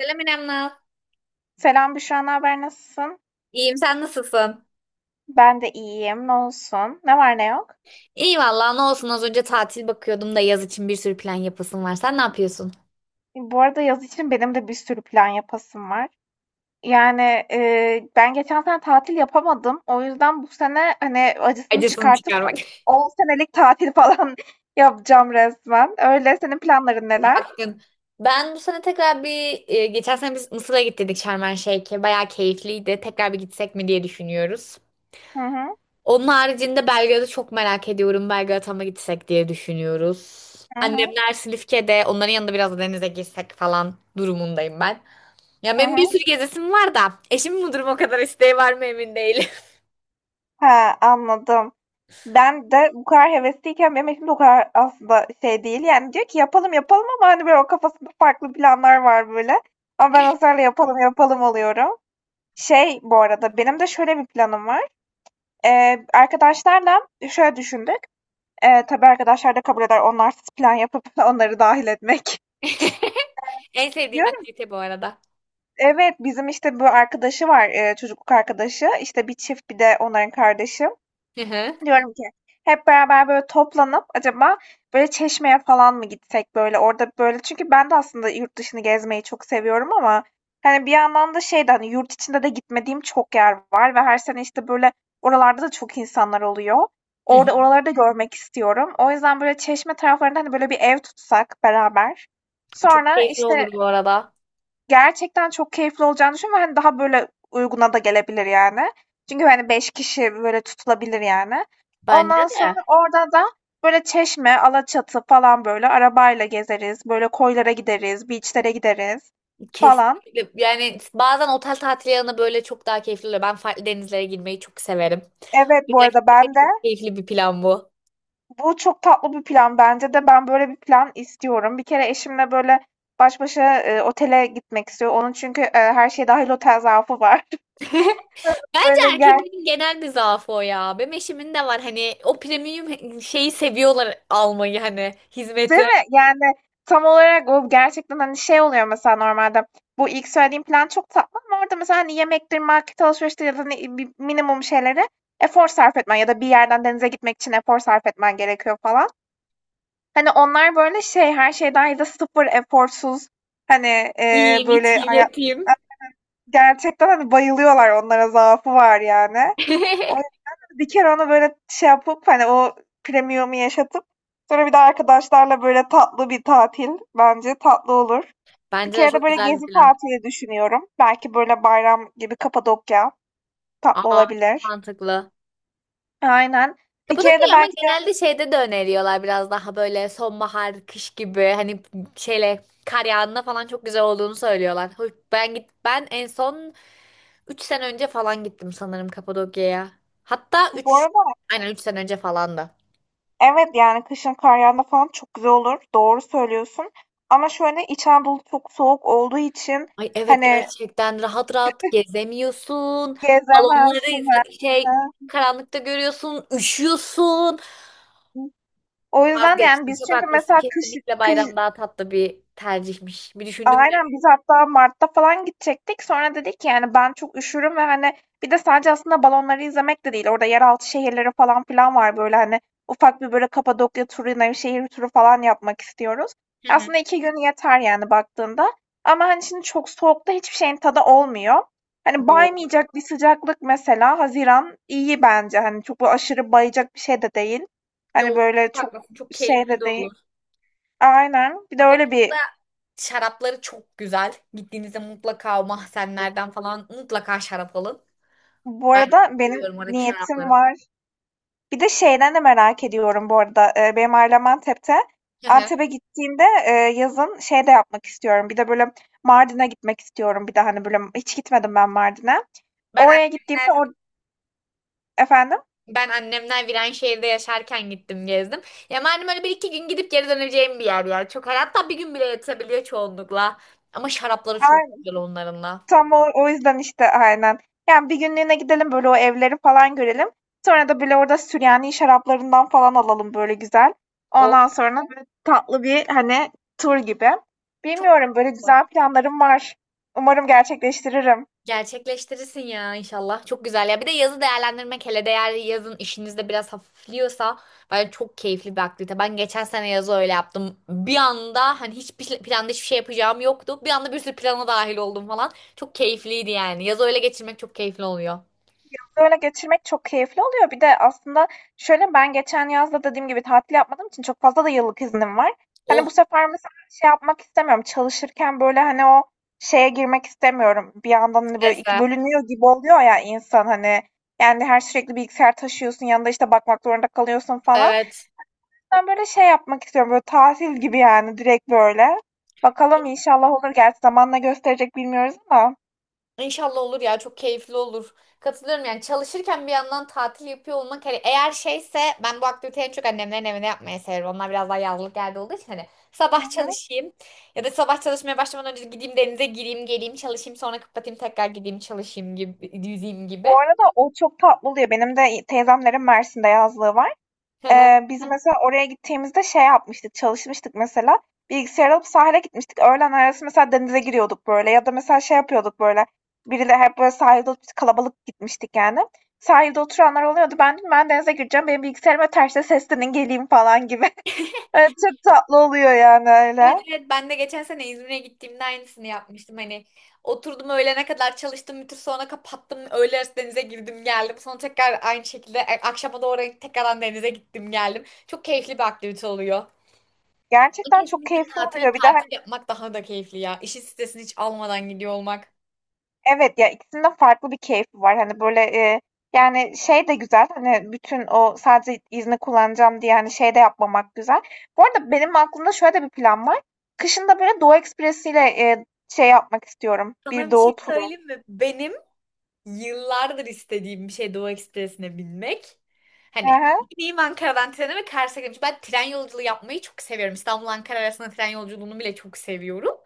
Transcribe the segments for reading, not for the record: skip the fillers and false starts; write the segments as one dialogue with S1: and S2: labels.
S1: Selam İrem, Naz.
S2: Selam Büşra, ne haber, nasılsın?
S1: İyiyim, sen nasılsın?
S2: Ben de iyiyim, ne olsun? Ne var ne yok?
S1: İyi vallahi ne olsun az önce tatil bakıyordum da yaz için bir sürü plan yapasım var. Sen ne yapıyorsun?
S2: Bu arada yaz için benim de bir sürü plan yapasım var. Yani ben geçen sene tatil yapamadım. O yüzden bu sene hani acısını
S1: Acısını
S2: çıkartıp
S1: çıkarmak.
S2: 10 senelik tatil falan yapacağım resmen. Öyle senin planların neler?
S1: Bakın, ben bu sene tekrar bir geçen sene biz Mısır'a gittik, Şarm El Şeyh'e. Bayağı keyifliydi. Tekrar bir gitsek mi diye düşünüyoruz.
S2: Hı hı,
S1: Onun haricinde Belgrad'ı çok merak ediyorum. Belgrad'a mı gitsek diye düşünüyoruz.
S2: hı hı,
S1: Annemler Silifke'de. Onların yanında biraz da denize girsek falan durumundayım ben. Ya
S2: hı
S1: benim bir
S2: hı.
S1: sürü gezesim var da eşimin bu durum o kadar isteği var mı emin değilim.
S2: Ha, anladım. Ben de bu kadar hevesliyken benim eşim de o kadar aslında şey değil. Yani diyor ki yapalım yapalım ama hani böyle o kafasında farklı planlar var böyle. Ama ben ısrarla yapalım yapalım oluyorum. Şey bu arada benim de şöyle bir planım var. Arkadaşlarla şöyle düşündük. Tabii arkadaşlar da kabul eder onlarsız plan yapıp onları dahil etmek.
S1: En sevdiğim
S2: Diyorum
S1: aktivite bu arada.
S2: evet bizim işte bu arkadaşı var çocukluk arkadaşı. İşte bir çift bir de onların kardeşi.
S1: Hı hı.
S2: Diyorum ki hep beraber böyle toplanıp acaba böyle Çeşme'ye falan mı gitsek böyle orada böyle, çünkü ben de aslında yurt dışını gezmeyi çok seviyorum ama hani bir yandan da şey de, hani, yurt içinde de gitmediğim çok yer var ve her sene işte böyle oralarda da çok insanlar oluyor.
S1: Hı hı.
S2: Orada oraları da görmek istiyorum. O yüzden böyle Çeşme taraflarında hani böyle bir ev tutsak beraber.
S1: Çok
S2: Sonra
S1: keyifli
S2: işte
S1: olur bu arada.
S2: gerçekten çok keyifli olacağını düşünüyorum ve, hani, daha böyle uyguna da gelebilir yani. Çünkü, hani, 5 kişi böyle tutulabilir yani. Ondan
S1: Bence
S2: sonra
S1: de.
S2: orada da böyle Çeşme, Alaçatı falan böyle arabayla gezeriz, böyle koylara gideriz, beach'lere gideriz falan.
S1: Kesinlikle. Yani bazen otel tatili yanı böyle çok daha keyifli oluyor. Ben farklı denizlere girmeyi çok severim. O
S2: Evet, bu
S1: yüzden
S2: arada
S1: kesinlikle
S2: ben de
S1: çok keyifli bir plan bu.
S2: bu çok tatlı bir plan, bence de ben böyle bir plan istiyorum. Bir kere eşimle böyle baş başa, otele gitmek istiyor. Onun çünkü, her şey dahil otel zaafı var.
S1: Bence
S2: Böyle ger
S1: erkeklerin genel bir zaafı o ya. Benim eşimin de var, hani o premium şeyi seviyorlar almayı, hani
S2: Değil
S1: hizmeti.
S2: mi? Yani tam olarak o gerçekten, hani, şey oluyor mesela normalde, bu ilk söylediğim plan çok tatlı ama orada mesela, hani, yemektir, market alışveriştir ya da ne bi minimum şeylere efor sarf etmen ya da bir yerden denize gitmek için efor sarf etmen gerekiyor falan. Hani, onlar böyle şey, her şey dâhil de sıfır eforsuz, hani,
S1: Yiyeyim,
S2: böyle
S1: içeyim,
S2: hayat
S1: yatayım.
S2: gerçekten, hani, bayılıyorlar, onlara zaafı var yani. O yüzden bir kere onu böyle şey yapıp, hani, o premium'u yaşatıp sonra bir de arkadaşlarla böyle tatlı bir tatil, bence tatlı olur. Bir
S1: Bence de
S2: kere de
S1: çok
S2: böyle
S1: güzel bir
S2: gezi
S1: plan.
S2: tatili düşünüyorum. Belki böyle bayram gibi Kapadokya tatlı
S1: Aa, çok
S2: olabilir.
S1: mantıklı.
S2: Aynen. Bir kere de
S1: Kapadokya ama
S2: belki de
S1: genelde şeyde de öneriyorlar, biraz daha böyle sonbahar, kış gibi, hani şeyle kar yağında falan çok güzel olduğunu söylüyorlar. Hoş- ben git ben en son 3 sene önce falan gittim sanırım Kapadokya'ya. Hatta
S2: bu
S1: üç,
S2: arada,
S1: aynen 3 sene önce falan da.
S2: evet, yani kışın kar yağında falan çok güzel olur. Doğru söylüyorsun. Ama şöyle İç Anadolu çok soğuk olduğu için
S1: Ay evet,
S2: hani
S1: gerçekten rahat rahat gezemiyorsun. Balonları
S2: gezemezsin.
S1: izle
S2: Hı
S1: şey,
S2: hı.
S1: karanlıkta görüyorsun, üşüyorsun.
S2: O yüzden yani
S1: Vazgeçtim.
S2: biz,
S1: Çok
S2: çünkü
S1: haklısın.
S2: mesela kış
S1: Kesinlikle
S2: kış.
S1: bayram daha tatlı bir tercihmiş. Bir düşündüm de.
S2: Aynen, biz hatta Mart'ta falan gidecektik. Sonra dedik ki yani ben çok üşürüm ve, hani, bir de sadece aslında balonları izlemek de değil. Orada yeraltı şehirleri falan filan var böyle, hani, ufak bir böyle Kapadokya turu, Nevşehir turu falan yapmak istiyoruz.
S1: Hı
S2: Aslında iki gün yeter yani baktığında. Ama hani şimdi çok soğukta hiçbir şeyin tadı olmuyor. Hani
S1: hı.
S2: baymayacak bir sıcaklık mesela, Haziran iyi bence. Hani çok böyle aşırı bayacak bir şey de değil. Hani
S1: Doğru,
S2: böyle
S1: çok
S2: çok
S1: haklısın. Çok
S2: şey
S1: keyifli de
S2: de değil.
S1: olur.
S2: Aynen. Bir de öyle
S1: Kapadokya'da
S2: bir
S1: şarapları çok güzel. Gittiğinizde mutlaka o mahzenlerden falan mutlaka şarap alın.
S2: bu
S1: Ben çok
S2: arada benim
S1: seviyorum oradaki
S2: niyetim
S1: şarapları.
S2: var. Bir de şeyden de merak ediyorum bu arada. Benim ailem Antep'te.
S1: Hı hı.
S2: Antep'e gittiğimde, yazın şey de yapmak istiyorum. Bir de böyle Mardin'e gitmek istiyorum. Bir de hani böyle hiç gitmedim ben Mardin'e.
S1: Ben
S2: Oraya gittiğimde
S1: annemler,
S2: efendim?
S1: ben annemler Viranşehir'de yaşarken gittim gezdim. Ya malum öyle bir iki gün gidip geri döneceğim bir yer ya. Çok hatta bir gün bile yetebiliyor çoğunlukla. Ama şarapları çok güzel onların da.
S2: Tam o, o yüzden işte aynen. Yani bir günlüğüne gidelim böyle o evleri falan görelim. Sonra da böyle orada Süryani şaraplarından falan alalım böyle güzel.
S1: O
S2: Ondan sonra böyle tatlı bir, hani, tur gibi.
S1: çok,
S2: Bilmiyorum, böyle güzel planlarım var. Umarım gerçekleştiririm.
S1: gerçekleştirirsin ya inşallah. Çok güzel ya. Bir de yazı değerlendirmek, hele de eğer yazın işinizde biraz hafifliyorsa, bence çok keyifli bir aktivite. Ben geçen sene yazı öyle yaptım. Bir anda hani hiçbir planda hiçbir şey yapacağım yoktu. Bir anda bir sürü plana dahil oldum falan. Çok keyifliydi yani. Yazı öyle geçirmek çok keyifli oluyor.
S2: Böyle geçirmek çok keyifli oluyor. Bir de aslında şöyle, ben geçen yaz da dediğim gibi tatil yapmadığım için çok fazla da yıllık iznim var. Hani bu
S1: Oh,
S2: sefer mesela şey yapmak istemiyorum, çalışırken böyle, hani, o şeye girmek istemiyorum. Bir yandan, hani, böyle 2
S1: strese.
S2: bölünüyor gibi oluyor ya insan, hani. Yani her sürekli bilgisayar taşıyorsun, yanında, işte, bakmak zorunda kalıyorsun falan.
S1: Evet.
S2: Ben böyle şey yapmak istiyorum, böyle tatil gibi yani, direkt böyle. Bakalım, inşallah olur. Gerçi zamanla gösterecek, bilmiyoruz ama.
S1: İnşallah olur ya, çok keyifli olur. Katılıyorum, yani çalışırken bir yandan tatil yapıyor olmak, hani eğer şeyse, ben bu aktiviteyi en çok annemlerin evine yapmayı severim. Onlar biraz daha yazlık yerde olduğu için hani
S2: Hı
S1: sabah
S2: hı.
S1: çalışayım ya da sabah çalışmaya başlamadan önce gideyim, denize gireyim, geleyim çalışayım, sonra kapatayım tekrar gideyim çalışayım gibi, yüzeyim gibi.
S2: Bu arada o çok tatlı oluyor. Benim de teyzemlerin Mersin'de yazlığı var. Biz mesela oraya gittiğimizde şey yapmıştık, çalışmıştık mesela. Bilgisayar alıp sahile gitmiştik. Öğlen arası mesela denize giriyorduk böyle. Ya da mesela şey yapıyorduk böyle. Biriyle hep böyle sahilde kalabalık gitmiştik yani. Sahilde oturanlar oluyordu. Ben dedim ben denize gireceğim. Benim bilgisayarıma terste seslenin geleyim falan gibi. Evet, çok tatlı oluyor yani
S1: Evet
S2: öyle.
S1: evet, ben de geçen sene İzmir'e gittiğimde aynısını yapmıştım. Hani oturdum, öğlene kadar çalıştım bütün, sonra kapattım. Öğle arası denize girdim geldim. Sonra tekrar aynı şekilde akşama doğru tekrardan denize gittim geldim. Çok keyifli bir aktivite oluyor.
S2: Gerçekten çok
S1: Kesinlikle
S2: keyifli
S1: tatili
S2: oluyor. Bir de
S1: tatil yapmak daha da keyifli ya. İşin stresini hiç almadan gidiyor olmak.
S2: evet, ya, ikisinin de farklı bir keyfi var. Hani, böyle, yani, şey de güzel, hani, bütün o sadece izni kullanacağım diye, hani, şey de yapmamak güzel. Bu arada benim aklımda şöyle de bir plan var. Kışın da, böyle, Doğu Ekspresi'yle, şey yapmak istiyorum,
S1: Sana
S2: bir
S1: bir şey
S2: doğu turu.
S1: söyleyeyim mi? Benim yıllardır istediğim bir şey Doğu Ekspresi'ne binmek.
S2: Hı
S1: Hani
S2: hı.
S1: bineyim Ankara'dan trene ve Kars'a gitmiş. Ben tren yolculuğu yapmayı çok seviyorum. İstanbul-Ankara arasında tren yolculuğunu bile çok seviyorum.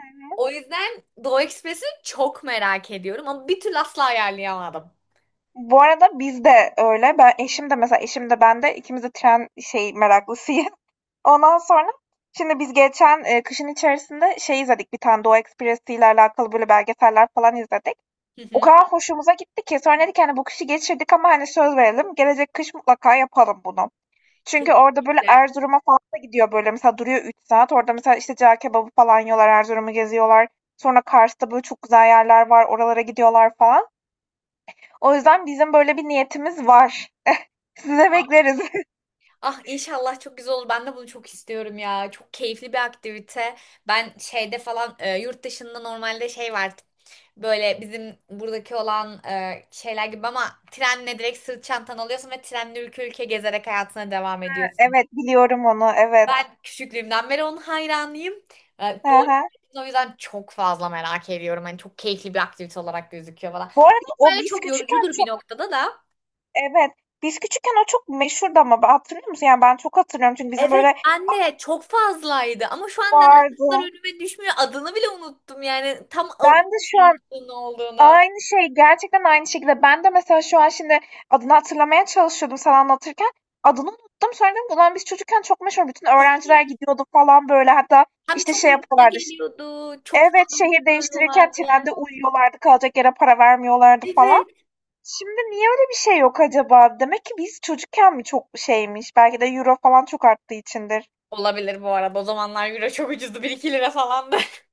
S2: Hı hı.
S1: O yüzden Doğu Ekspresi'ni çok merak ediyorum ama bir türlü asla ayarlayamadım.
S2: Bu arada biz de öyle. Ben eşim de mesela, eşim de ben de ikimiz de tren şey meraklısıyız. Ondan sonra şimdi biz geçen, kışın içerisinde şey izledik, bir tane Doğu Ekspresi ile alakalı, böyle, belgeseller falan izledik.
S1: Hı
S2: O
S1: hı.
S2: kadar hoşumuza gitti ki sonra dedik, hani, bu kışı geçirdik ama hani söz verelim gelecek kış mutlaka yapalım bunu. Çünkü orada böyle
S1: Kesinlikle.
S2: Erzurum'a falan da gidiyor, böyle mesela duruyor 3 saat. Orada mesela işte cağ kebabı falan yiyorlar, Erzurum'u geziyorlar. Sonra Kars'ta böyle çok güzel yerler var, oralara gidiyorlar falan. O yüzden bizim böyle bir niyetimiz var. Size bekleriz.
S1: Ah inşallah çok güzel olur. Ben de bunu çok istiyorum ya. Çok keyifli bir aktivite. Ben şeyde falan yurt dışında normalde şey var. Böyle bizim buradaki olan şeyler gibi ama trenle direkt sırt çantan alıyorsun ve trenle ülke ülke gezerek hayatına devam ediyorsun.
S2: Evet, biliyorum onu, evet.
S1: Ben küçüklüğümden beri onun hayranıyım. E,
S2: Hı
S1: doğu,
S2: hı.
S1: o yüzden çok fazla merak ediyorum. Hani çok keyifli bir aktivite olarak gözüküyor falan.
S2: Bu arada o
S1: Böyle
S2: biz
S1: çok
S2: küçükken
S1: yorucudur bir
S2: çok
S1: noktada da.
S2: evet, biz küçükken o çok meşhurdu ama hatırlıyor musun? Yani ben çok hatırlıyorum çünkü bizim
S1: Evet,
S2: böyle
S1: anne çok fazlaydı ama şu an neden
S2: vardı.
S1: kızlar önüme düşmüyor, adını bile unuttum yani, tam al-
S2: Ben de şu
S1: şeyin
S2: an
S1: adı ne olduğunu.
S2: aynı şey, gerçekten aynı şekilde. Ben de mesela şu an şimdi adını hatırlamaya çalışıyordum sen anlatırken. Adını unuttum. Sonra dedim ki, ulan biz çocukken çok meşhur. Bütün öğrenciler gidiyordu falan böyle. Hatta
S1: Hem
S2: işte
S1: çok
S2: şey
S1: uyguna
S2: yapıyorlardı.
S1: geliyordu, çok
S2: Evet,
S1: fazla
S2: şehir değiştirirken
S1: bekliyorlardı.
S2: trende uyuyorlardı. Kalacak yere para vermiyorlardı falan.
S1: Evet.
S2: Şimdi niye öyle bir şey yok acaba? Demek ki biz çocukken mi çok şeymiş? Belki de euro falan çok arttığı içindir.
S1: Olabilir, bu arada o zamanlar euro çok ucuzdu, bir iki lira falandı.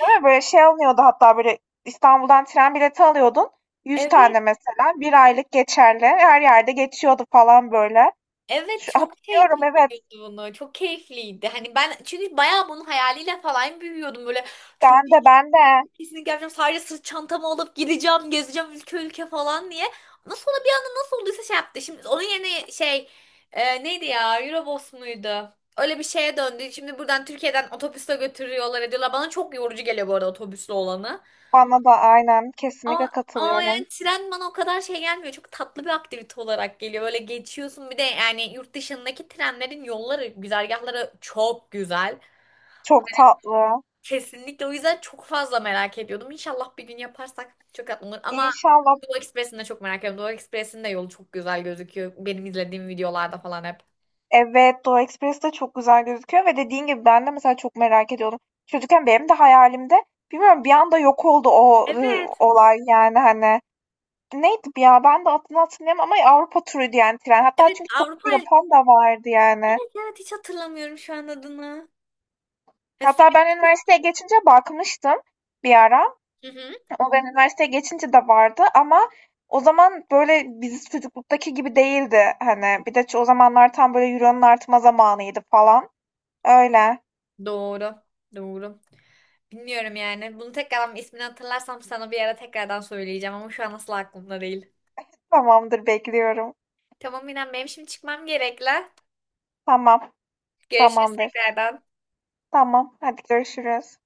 S2: Değil mi? Böyle şey alınıyordu hatta böyle İstanbul'dan tren bileti alıyordun. 100
S1: Evet.
S2: tane mesela. Bir aylık geçerli. Her yerde geçiyordu falan böyle.
S1: Evet,
S2: Şu,
S1: çok şey
S2: hatırlıyorum
S1: yapıp
S2: evet.
S1: gidiyordu bunu, çok keyifliydi. Hani ben çünkü bayağı bunun hayaliyle falan büyüyordum böyle, çok
S2: Ben de, ben de.
S1: kesinlikle yapacağım. Sadece sırt çantamı alıp gideceğim, gezeceğim ülke ülke falan diye. Nasıl ona bir anda nasıl olduysa şey yaptı. Şimdi onun yerine şey, neydi ya? Eurobus muydu? Öyle bir şeye döndü. Şimdi buradan Türkiye'den otobüsle götürüyorlar ediyorlar. Bana çok yorucu geliyor bu arada otobüsle olanı.
S2: Bana da aynen. Kesinlikle
S1: Ama, ama
S2: katılıyorum.
S1: yani tren bana o kadar şey gelmiyor. Çok tatlı bir aktivite olarak geliyor. Böyle geçiyorsun, bir de yani yurt dışındaki trenlerin yolları, güzergahları çok güzel.
S2: Çok tatlı.
S1: Kesinlikle, o yüzden çok fazla merak ediyordum. İnşallah bir gün yaparsak çok tatlı olur. Ama
S2: İnşallah.
S1: Doğu Ekspresi'ni de çok merak ediyorum. Doğu Ekspresi'nin de yolu çok güzel gözüküyor. Benim izlediğim videolarda falan hep.
S2: Evet, Doğu Ekspresi de çok güzel gözüküyor ve dediğin gibi ben de mesela çok merak ediyordum. Çocukken benim de hayalimde, bilmiyorum, bir anda yok oldu o
S1: Evet.
S2: olay yani, hani, neydi bu ya? Ben de adını hatırlayamam ama Avrupa turu diyen tren. Hatta
S1: Evet
S2: çünkü çok
S1: Avrupa.
S2: yapan da vardı yani.
S1: Evet evet, hiç hatırlamıyorum şu an adını. Ha,
S2: Hatta ben
S1: Silivri-
S2: üniversiteye geçince bakmıştım bir ara.
S1: Hı hı.
S2: O ben üniversiteye geçince de vardı ama o zaman böyle biz çocukluktaki gibi değildi. Hani bir de o zamanlar tam böyle euronun artma zamanıydı falan. Öyle.
S1: Doğru. Doğru. Bilmiyorum yani. Bunu tekrardan ismini hatırlarsam sana bir ara tekrardan söyleyeceğim ama şu an asla aklımda değil.
S2: Tamamdır, bekliyorum.
S1: Tamam İrem, benim şimdi çıkmam gerekli.
S2: Tamam.
S1: Görüşürüz
S2: Tamamdır.
S1: tekrardan.
S2: Tamam. Hadi görüşürüz.